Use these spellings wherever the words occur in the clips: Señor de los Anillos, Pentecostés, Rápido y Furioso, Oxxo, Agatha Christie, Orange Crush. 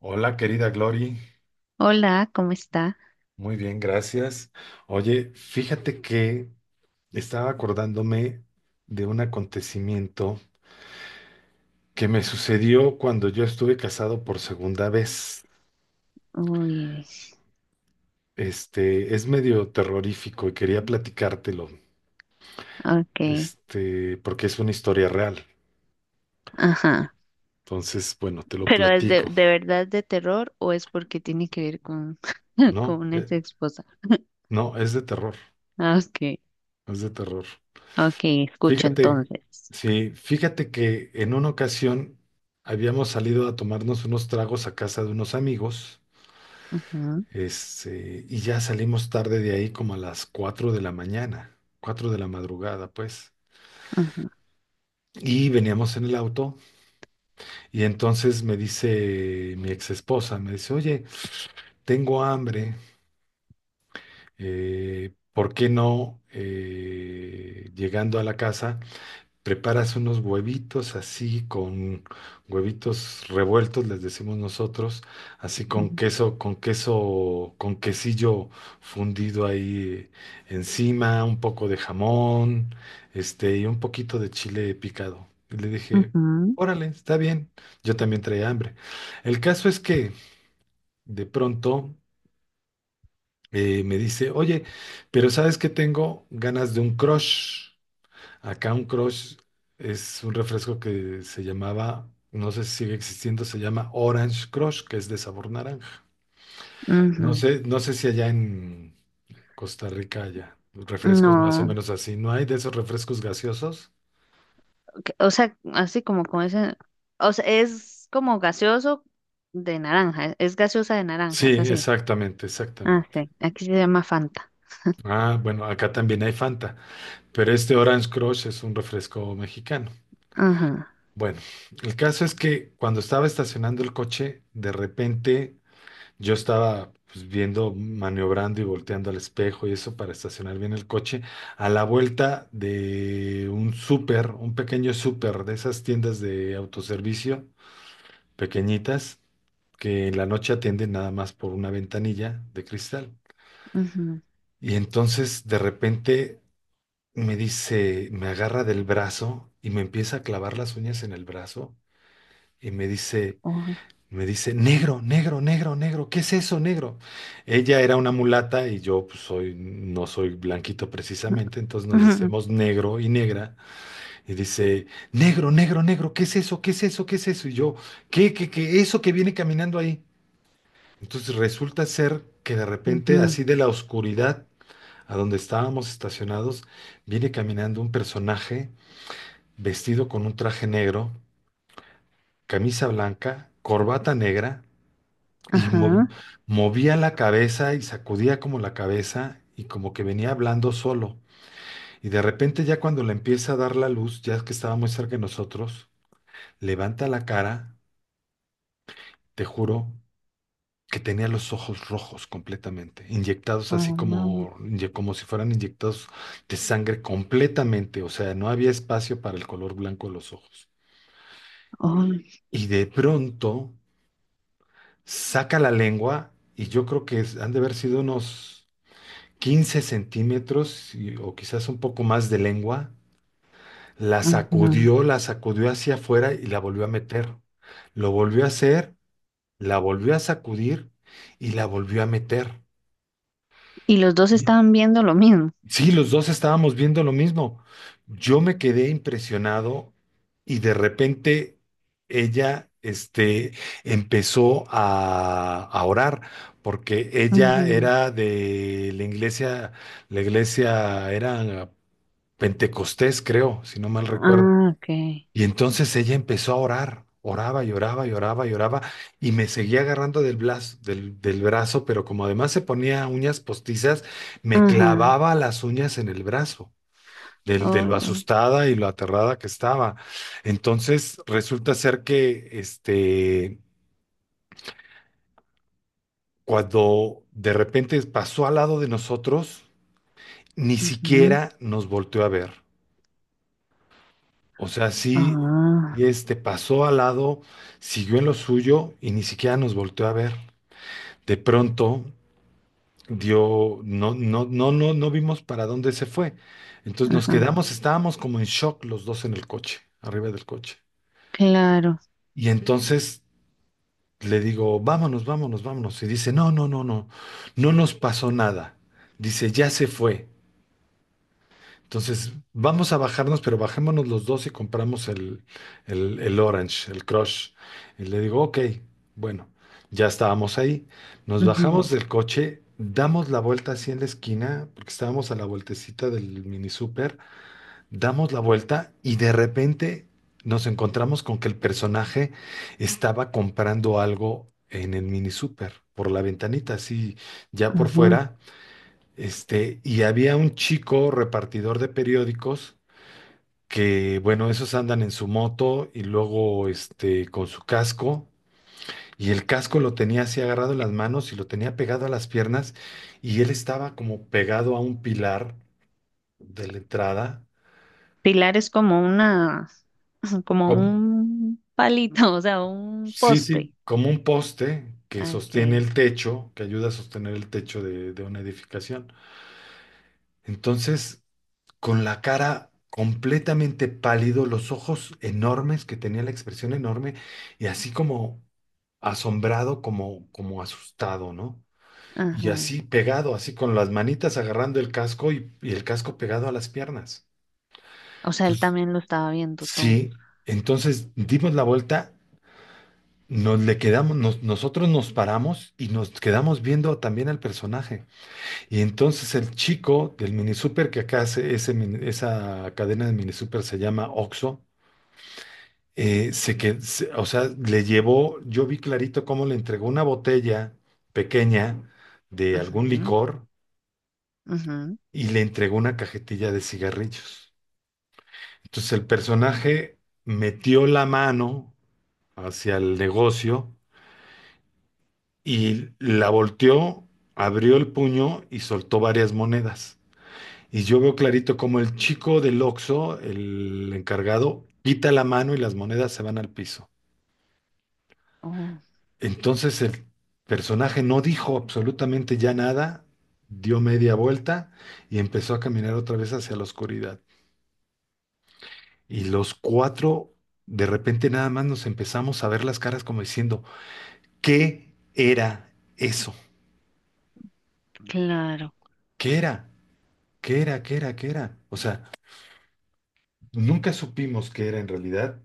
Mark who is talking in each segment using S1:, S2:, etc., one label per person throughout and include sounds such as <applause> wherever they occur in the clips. S1: Hola, querida Glory.
S2: Hola, ¿cómo está?
S1: Muy bien, gracias. Oye, fíjate que estaba acordándome de un acontecimiento que me sucedió cuando yo estuve casado por segunda vez.
S2: Uy,
S1: Este, es medio terrorífico y quería platicártelo,
S2: ok,
S1: este, porque es una historia real.
S2: ajá.
S1: Entonces, bueno, te lo
S2: ¿Pero es de,
S1: platico,
S2: de verdad de terror o es porque tiene que ver con, <laughs> con
S1: ¿no?
S2: una ex esposa? <laughs>
S1: No, es de terror,
S2: Ah, ok,
S1: es de terror.
S2: ok, escucho
S1: Fíjate,
S2: entonces.
S1: sí, fíjate que en una ocasión habíamos salido a tomarnos unos tragos a casa de unos amigos,
S2: Ujú,
S1: este, y ya salimos tarde de ahí como a las 4 de la mañana, 4 de la madrugada, pues.
S2: ujú,
S1: Y veníamos en el auto y entonces me dice mi ex esposa, me dice, oye, tengo hambre, ¿por qué no llegando a la casa? Preparas unos huevitos así con huevitos revueltos, les decimos nosotros, así con
S2: ujú,
S1: queso, con queso, con quesillo fundido ahí encima, un poco de jamón, este, y un poquito de chile picado. Y le dije,
S2: ujú,
S1: órale, está bien. Yo también traía hambre. El caso es que de pronto me dice, oye, pero ¿sabes que tengo ganas de un crush? Acá un crush es un refresco que se llamaba, no sé si sigue existiendo, se llama Orange Crush, que es de sabor naranja. No
S2: ujú.
S1: sé, no sé si allá en Costa Rica haya refrescos más o
S2: No,
S1: menos así. ¿No hay de esos refrescos gaseosos?
S2: ok, o sea, así como con ese, o sea, es como gaseoso de naranja, es gaseosa de naranja,
S1: Sí,
S2: es así.
S1: exactamente,
S2: Ah,
S1: exactamente.
S2: sí, aquí se llama Fanta.
S1: Ah, bueno, acá también hay Fanta, pero este Orange Crush es un refresco mexicano.
S2: Ajá,
S1: Bueno, el caso es que cuando estaba estacionando el coche, de repente yo estaba, pues, viendo, maniobrando y volteando al espejo y eso para estacionar bien el coche a la vuelta de un súper, un pequeño súper, de esas tiendas de autoservicio pequeñitas que en la noche atienden nada más por una ventanilla de cristal.
S2: ujú,
S1: Y entonces de repente me dice, me agarra del brazo y me empieza a clavar las uñas en el brazo y me dice,
S2: ujú,
S1: me dice, negro, negro, negro, negro, ¿qué es eso, negro? Ella era una mulata y yo, pues, soy, no soy blanquito precisamente, entonces nos
S2: ujú.
S1: decíamos negro y negra. Y dice, negro, negro, negro, ¿qué es eso? ¿Qué es eso? ¿Qué es eso? Y yo, ¿qué, qué, qué? Eso que viene caminando ahí. Entonces resulta ser que de repente,
S2: Ujú,
S1: así de la oscuridad a donde estábamos estacionados, viene caminando un personaje vestido con un traje negro, camisa blanca, corbata negra. Y
S2: ajá.
S1: movía la cabeza y sacudía como la cabeza y como que venía hablando solo. Y de repente, ya cuando le empieza a dar la luz, ya que estaba muy cerca de nosotros, levanta la cara, te juro que tenía los ojos rojos completamente, inyectados así
S2: Ah,
S1: como, como si fueran inyectados de sangre completamente, o sea, no había espacio para el color blanco de los ojos.
S2: ay,
S1: Y de pronto saca la lengua y yo creo que han de haber sido unos 15 centímetros o quizás un poco más de lengua,
S2: ajá.
S1: la sacudió hacia afuera y la volvió a meter. Lo volvió a hacer, la volvió a sacudir y la volvió a meter.
S2: Y los dos estaban viendo lo mismo.
S1: Sí, los dos estábamos viendo lo mismo. Yo me quedé impresionado y de repente ella, este, empezó a orar porque ella
S2: Ujú.
S1: era de la iglesia era Pentecostés, creo, si no mal recuerdo.
S2: Ah, ok.
S1: Y entonces ella empezó a orar, oraba y oraba y oraba y oraba, y me seguía agarrando del brazo, del brazo, pero como además se ponía uñas postizas, me
S2: Ajá.
S1: clavaba las uñas en el brazo, de lo
S2: Oh,
S1: asustada y lo aterrada que estaba. Entonces resulta ser que este, cuando de repente pasó al lado de nosotros, ni
S2: ujú.
S1: siquiera nos volteó a ver. O sea, sí,
S2: Ah,
S1: este pasó al lado, siguió en lo suyo y ni siquiera nos volteó a ver. De pronto dio, no, no, no, no no vimos para dónde se fue. Entonces nos
S2: ajá.
S1: quedamos, estábamos como en shock los dos en el coche, arriba del coche.
S2: Claro.
S1: Y entonces le digo, vámonos, vámonos, vámonos. Y dice, no, no, no, no, no nos pasó nada. Dice, ya se fue. Entonces, vamos a bajarnos, pero bajémonos los dos y compramos el, el Orange, el Crush. Y le digo, ok, bueno, ya estábamos ahí. Nos
S2: Ujú,
S1: bajamos del coche, damos la vuelta así en la esquina, porque estábamos a la vueltecita del mini super, damos la vuelta y de repente nos encontramos con que el personaje estaba comprando algo en el mini super, por la ventanita, así ya por
S2: ujú.
S1: fuera. Este, y había un chico repartidor de periódicos que, bueno, esos andan en su moto y luego, este, con su casco. Y el casco lo tenía así agarrado en las manos y lo tenía pegado a las piernas. Y él estaba como pegado a un pilar de la entrada,
S2: Pilar es como una, <laughs> como
S1: como,
S2: un palito, o sea, un
S1: sí, sí,
S2: poste.
S1: como un poste que
S2: Ah,
S1: sostiene
S2: ok.
S1: el techo, que ayuda a sostener el techo de una edificación. Entonces, con la cara completamente pálido, los ojos enormes, que tenía la expresión enorme, y así como asombrado, como, como asustado, ¿no? Y
S2: Ajá.
S1: así pegado, así con las manitas agarrando el casco y el casco pegado a las piernas.
S2: O sea, él
S1: Entonces,
S2: también lo estaba viendo todo.
S1: sí, entonces dimos la vuelta, nos le quedamos, nosotros nos paramos y nos quedamos viendo también al personaje. Y entonces el chico del mini super, que acá hace ese esa cadena de mini super se llama Oxxo, o sea, le llevó, yo vi clarito cómo le entregó una botella pequeña de algún
S2: Ujú,
S1: licor
S2: ujú.
S1: y le entregó una cajetilla de cigarrillos. Entonces el personaje metió la mano hacia el negocio y la volteó, abrió el puño y soltó varias monedas. Y yo veo clarito como el chico del Oxxo, el encargado, quita la mano y las monedas se van al piso.
S2: Oh,
S1: Entonces el personaje no dijo absolutamente ya nada, dio media vuelta y empezó a caminar otra vez hacia la oscuridad. Y los cuatro, de repente nada más nos empezamos a ver las caras como diciendo, ¿qué era eso?
S2: claro.
S1: ¿Qué era? ¿Qué era? ¿Qué era? ¿Qué era? O sea, nunca supimos qué era en realidad.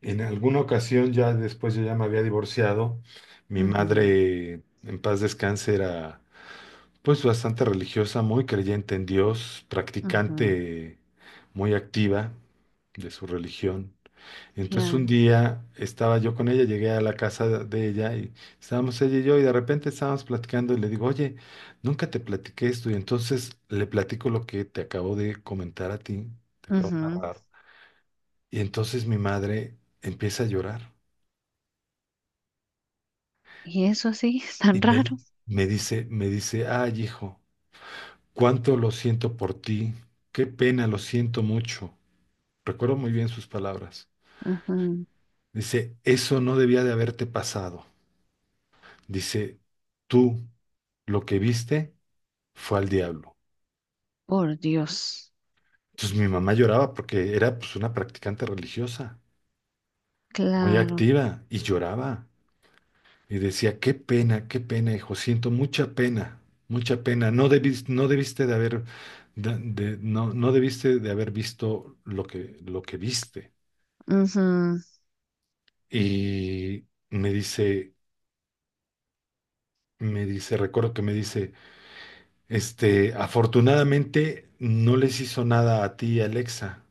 S1: En alguna ocasión, ya después, yo ya me había divorciado, mi
S2: Ujú,
S1: madre, en paz descanse, era, pues, bastante religiosa, muy creyente en Dios,
S2: ujú.
S1: practicante muy activa de su religión. Entonces un
S2: Claro.
S1: día estaba yo con ella, llegué a la casa de ella y estábamos ella y yo y de repente estábamos platicando y le digo, oye, nunca te platiqué esto y entonces le platico lo que te acabo de comentar a ti, te acabo de
S2: Ujú.
S1: narrar. Y entonces mi madre empieza a llorar.
S2: Y eso sí, <laughs> tan
S1: Y
S2: raro.
S1: me dice, ay, hijo, cuánto lo siento por ti, qué pena, lo siento mucho. Recuerdo muy bien sus palabras.
S2: Ujú.
S1: Dice, eso no debía de haberte pasado. Dice, tú lo que viste fue al diablo.
S2: Por Dios.
S1: Entonces mi mamá lloraba porque era, pues, una practicante religiosa, muy
S2: Claro.
S1: activa, y lloraba. Y decía, qué pena, hijo, siento mucha pena, mucha pena. No debiste, no debiste de haber, no, no debiste de haber visto lo que viste.
S2: Ujú.
S1: Y me dice, me dice, recuerdo que me dice, este, afortunadamente no les hizo nada a ti, Alexa,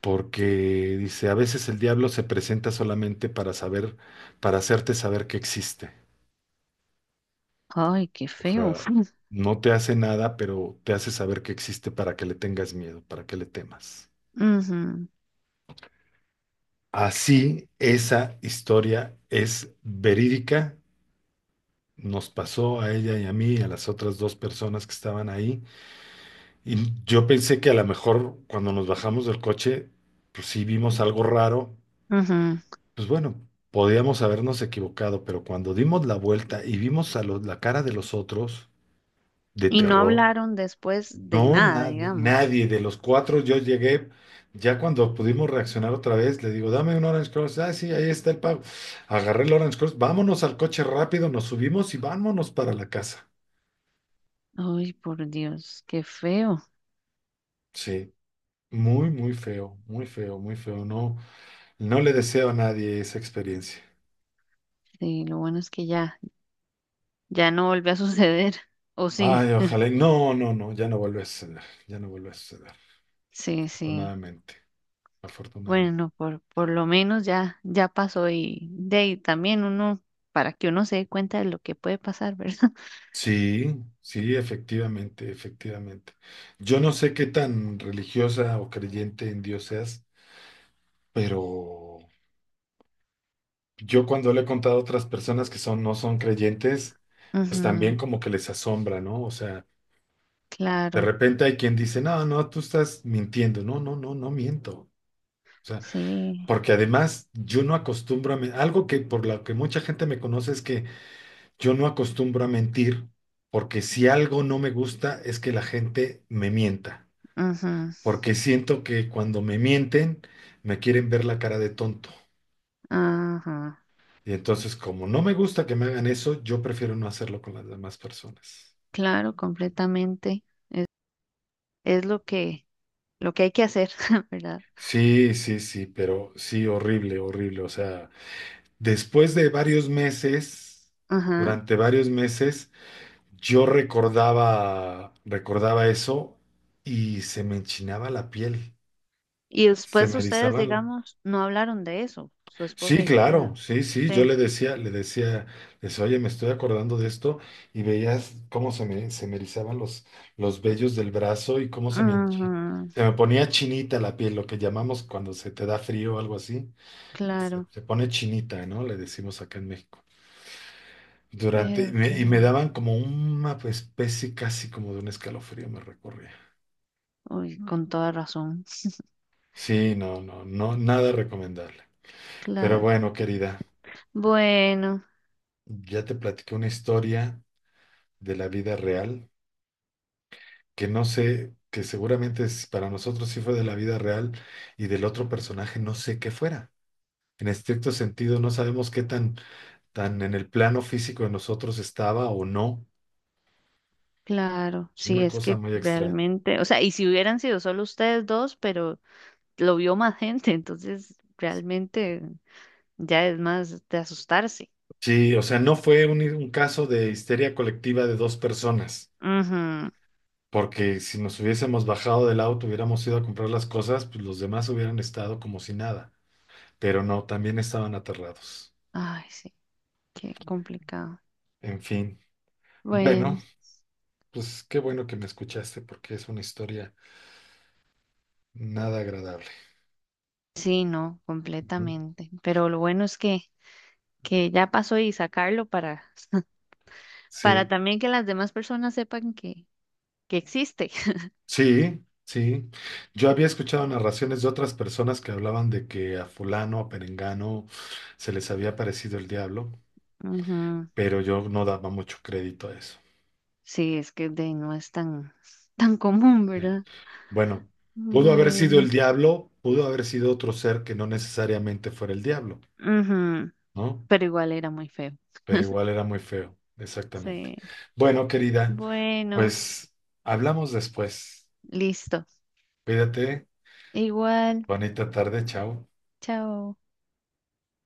S1: porque dice, a veces el diablo se presenta solamente para saber, para hacerte saber que existe.
S2: Ay, qué
S1: O
S2: feo.
S1: sea,
S2: <laughs>
S1: no te hace nada, pero te hace saber que existe para que le tengas miedo, para que le temas.
S2: Ujú,
S1: Así, esa historia es verídica. Nos pasó a ella y a mí, y a las otras dos personas que estaban ahí. Y yo pensé que a lo mejor, cuando nos bajamos del coche, pues sí vimos algo raro.
S2: ujú.
S1: Pues bueno, podíamos habernos equivocado, pero cuando dimos la vuelta y vimos a la cara de los otros de
S2: Y no
S1: terror,
S2: hablaron después de
S1: no,
S2: nada,
S1: nadie,
S2: digamos.
S1: nadie de los cuatro. Yo llegué, ya cuando pudimos reaccionar otra vez, le digo, dame un Orange Cross. Ah, sí, ahí está el pago. Agarré el Orange Cross, vámonos al coche rápido, nos subimos y vámonos para la casa.
S2: Ay, por Dios, qué feo.
S1: Sí, muy, muy feo, muy feo, muy feo. No, no le deseo a nadie esa experiencia.
S2: Sí, lo bueno es que ya, ya no volvió a <laughs> suceder. O sí,
S1: Ay, ojalá. No, no, no, ya no vuelve a suceder, ya no vuelve a suceder,
S2: sí, sí.
S1: afortunadamente, afortunadamente.
S2: Bueno, por lo menos ya, ya pasó y de ahí también uno, para que uno se dé cuenta de lo que puede pasar, ¿verdad?
S1: Sí, sí, efectivamente, efectivamente. Yo no sé qué tan religiosa o creyente en Dios seas, pero yo, cuando le he contado a otras personas que son, no son creyentes,
S2: <laughs>
S1: pues también
S2: Ujú,
S1: como que les asombra, ¿no? O sea, de
S2: claro.
S1: repente hay quien dice, no, no, tú estás mintiendo. No, no, no, no miento. O sea,
S2: Sí,
S1: porque además yo no acostumbro a, algo que por lo que mucha gente me conoce es que yo no acostumbro a mentir, porque si algo no me gusta es que la gente me mienta.
S2: ajá,
S1: Porque siento que cuando me mienten, me quieren ver la cara de tonto.
S2: ajá,
S1: Y entonces, como no me gusta que me hagan eso, yo prefiero no hacerlo con las demás personas.
S2: claro, completamente. Es lo que hay que hacer, <laughs> ¿verdad?
S1: Sí, sí, sí, pero sí, horrible, horrible. O sea, después de varios meses,
S2: Ajá.
S1: durante varios meses, yo recordaba, recordaba eso y se me enchinaba la piel,
S2: Y
S1: se
S2: después
S1: me
S2: ustedes,
S1: erizaban.
S2: digamos, no hablaron de eso, su
S1: Sí,
S2: esposa y
S1: claro,
S2: ustedes.
S1: sí, sí, yo
S2: Sí,
S1: le decía, les oye, me estoy acordando de esto y veías cómo se me erizaban los vellos del brazo y cómo se me,
S2: ajá,
S1: se me ponía chinita la piel, lo que llamamos cuando se te da frío o algo así, se,
S2: claro,
S1: se pone chinita, ¿no? Le decimos acá en México. Durante, y
S2: pero
S1: me,
S2: sí.
S1: y me daban como una, pues, especie casi como de un escalofrío, me recorría.
S2: Uy, con toda razón. <laughs>
S1: Sí, no, no, no, nada recomendable. Pero
S2: Claro.
S1: bueno, querida,
S2: Bueno,
S1: ya te platiqué una historia de la vida real, que no sé, que seguramente para nosotros sí fue de la vida real y del otro personaje no sé qué fuera. En estricto sentido, no sabemos qué tan en el plano físico de nosotros estaba o no.
S2: claro. Sí,
S1: Una
S2: es
S1: cosa
S2: que
S1: muy extraña.
S2: realmente, o sea, y si hubieran sido solo ustedes dos, pero lo vio más gente, entonces realmente. Ya es más de asustarse.
S1: Sí, o sea, no fue un caso de histeria colectiva de dos personas,
S2: Ujú.
S1: porque si nos hubiésemos bajado del auto, hubiéramos ido a comprar las cosas, pues los demás hubieran estado como si nada, pero no, también estaban aterrados.
S2: Ay, sí, qué complicado.
S1: En fin, bueno,
S2: Bueno,
S1: pues qué bueno que me escuchaste, porque es una historia nada agradable.
S2: sí, no,
S1: Ujú.
S2: completamente. Pero lo bueno es que ya pasó y sacarlo para
S1: Sí,
S2: también que las demás personas sepan que existe.
S1: sí, sí. Yo había escuchado narraciones de otras personas que hablaban de que a fulano, a perengano, se les había parecido el diablo,
S2: <laughs> Ujú.
S1: pero yo no daba mucho crédito a eso.
S2: Sí, es que de, ahí no es tan, tan común,
S1: Sí.
S2: ¿verdad?
S1: Bueno, pudo haber sido el
S2: Bueno,
S1: diablo, pudo haber sido otro ser que no necesariamente fuera el diablo,
S2: ujú.
S1: ¿no?
S2: Pero igual era muy feo.
S1: Pero igual era muy feo, exactamente.
S2: Sí.
S1: Bueno, querida,
S2: Bueno,
S1: pues hablamos después.
S2: listo.
S1: Cuídate,
S2: Igual,
S1: bonita tarde, chao.
S2: chao.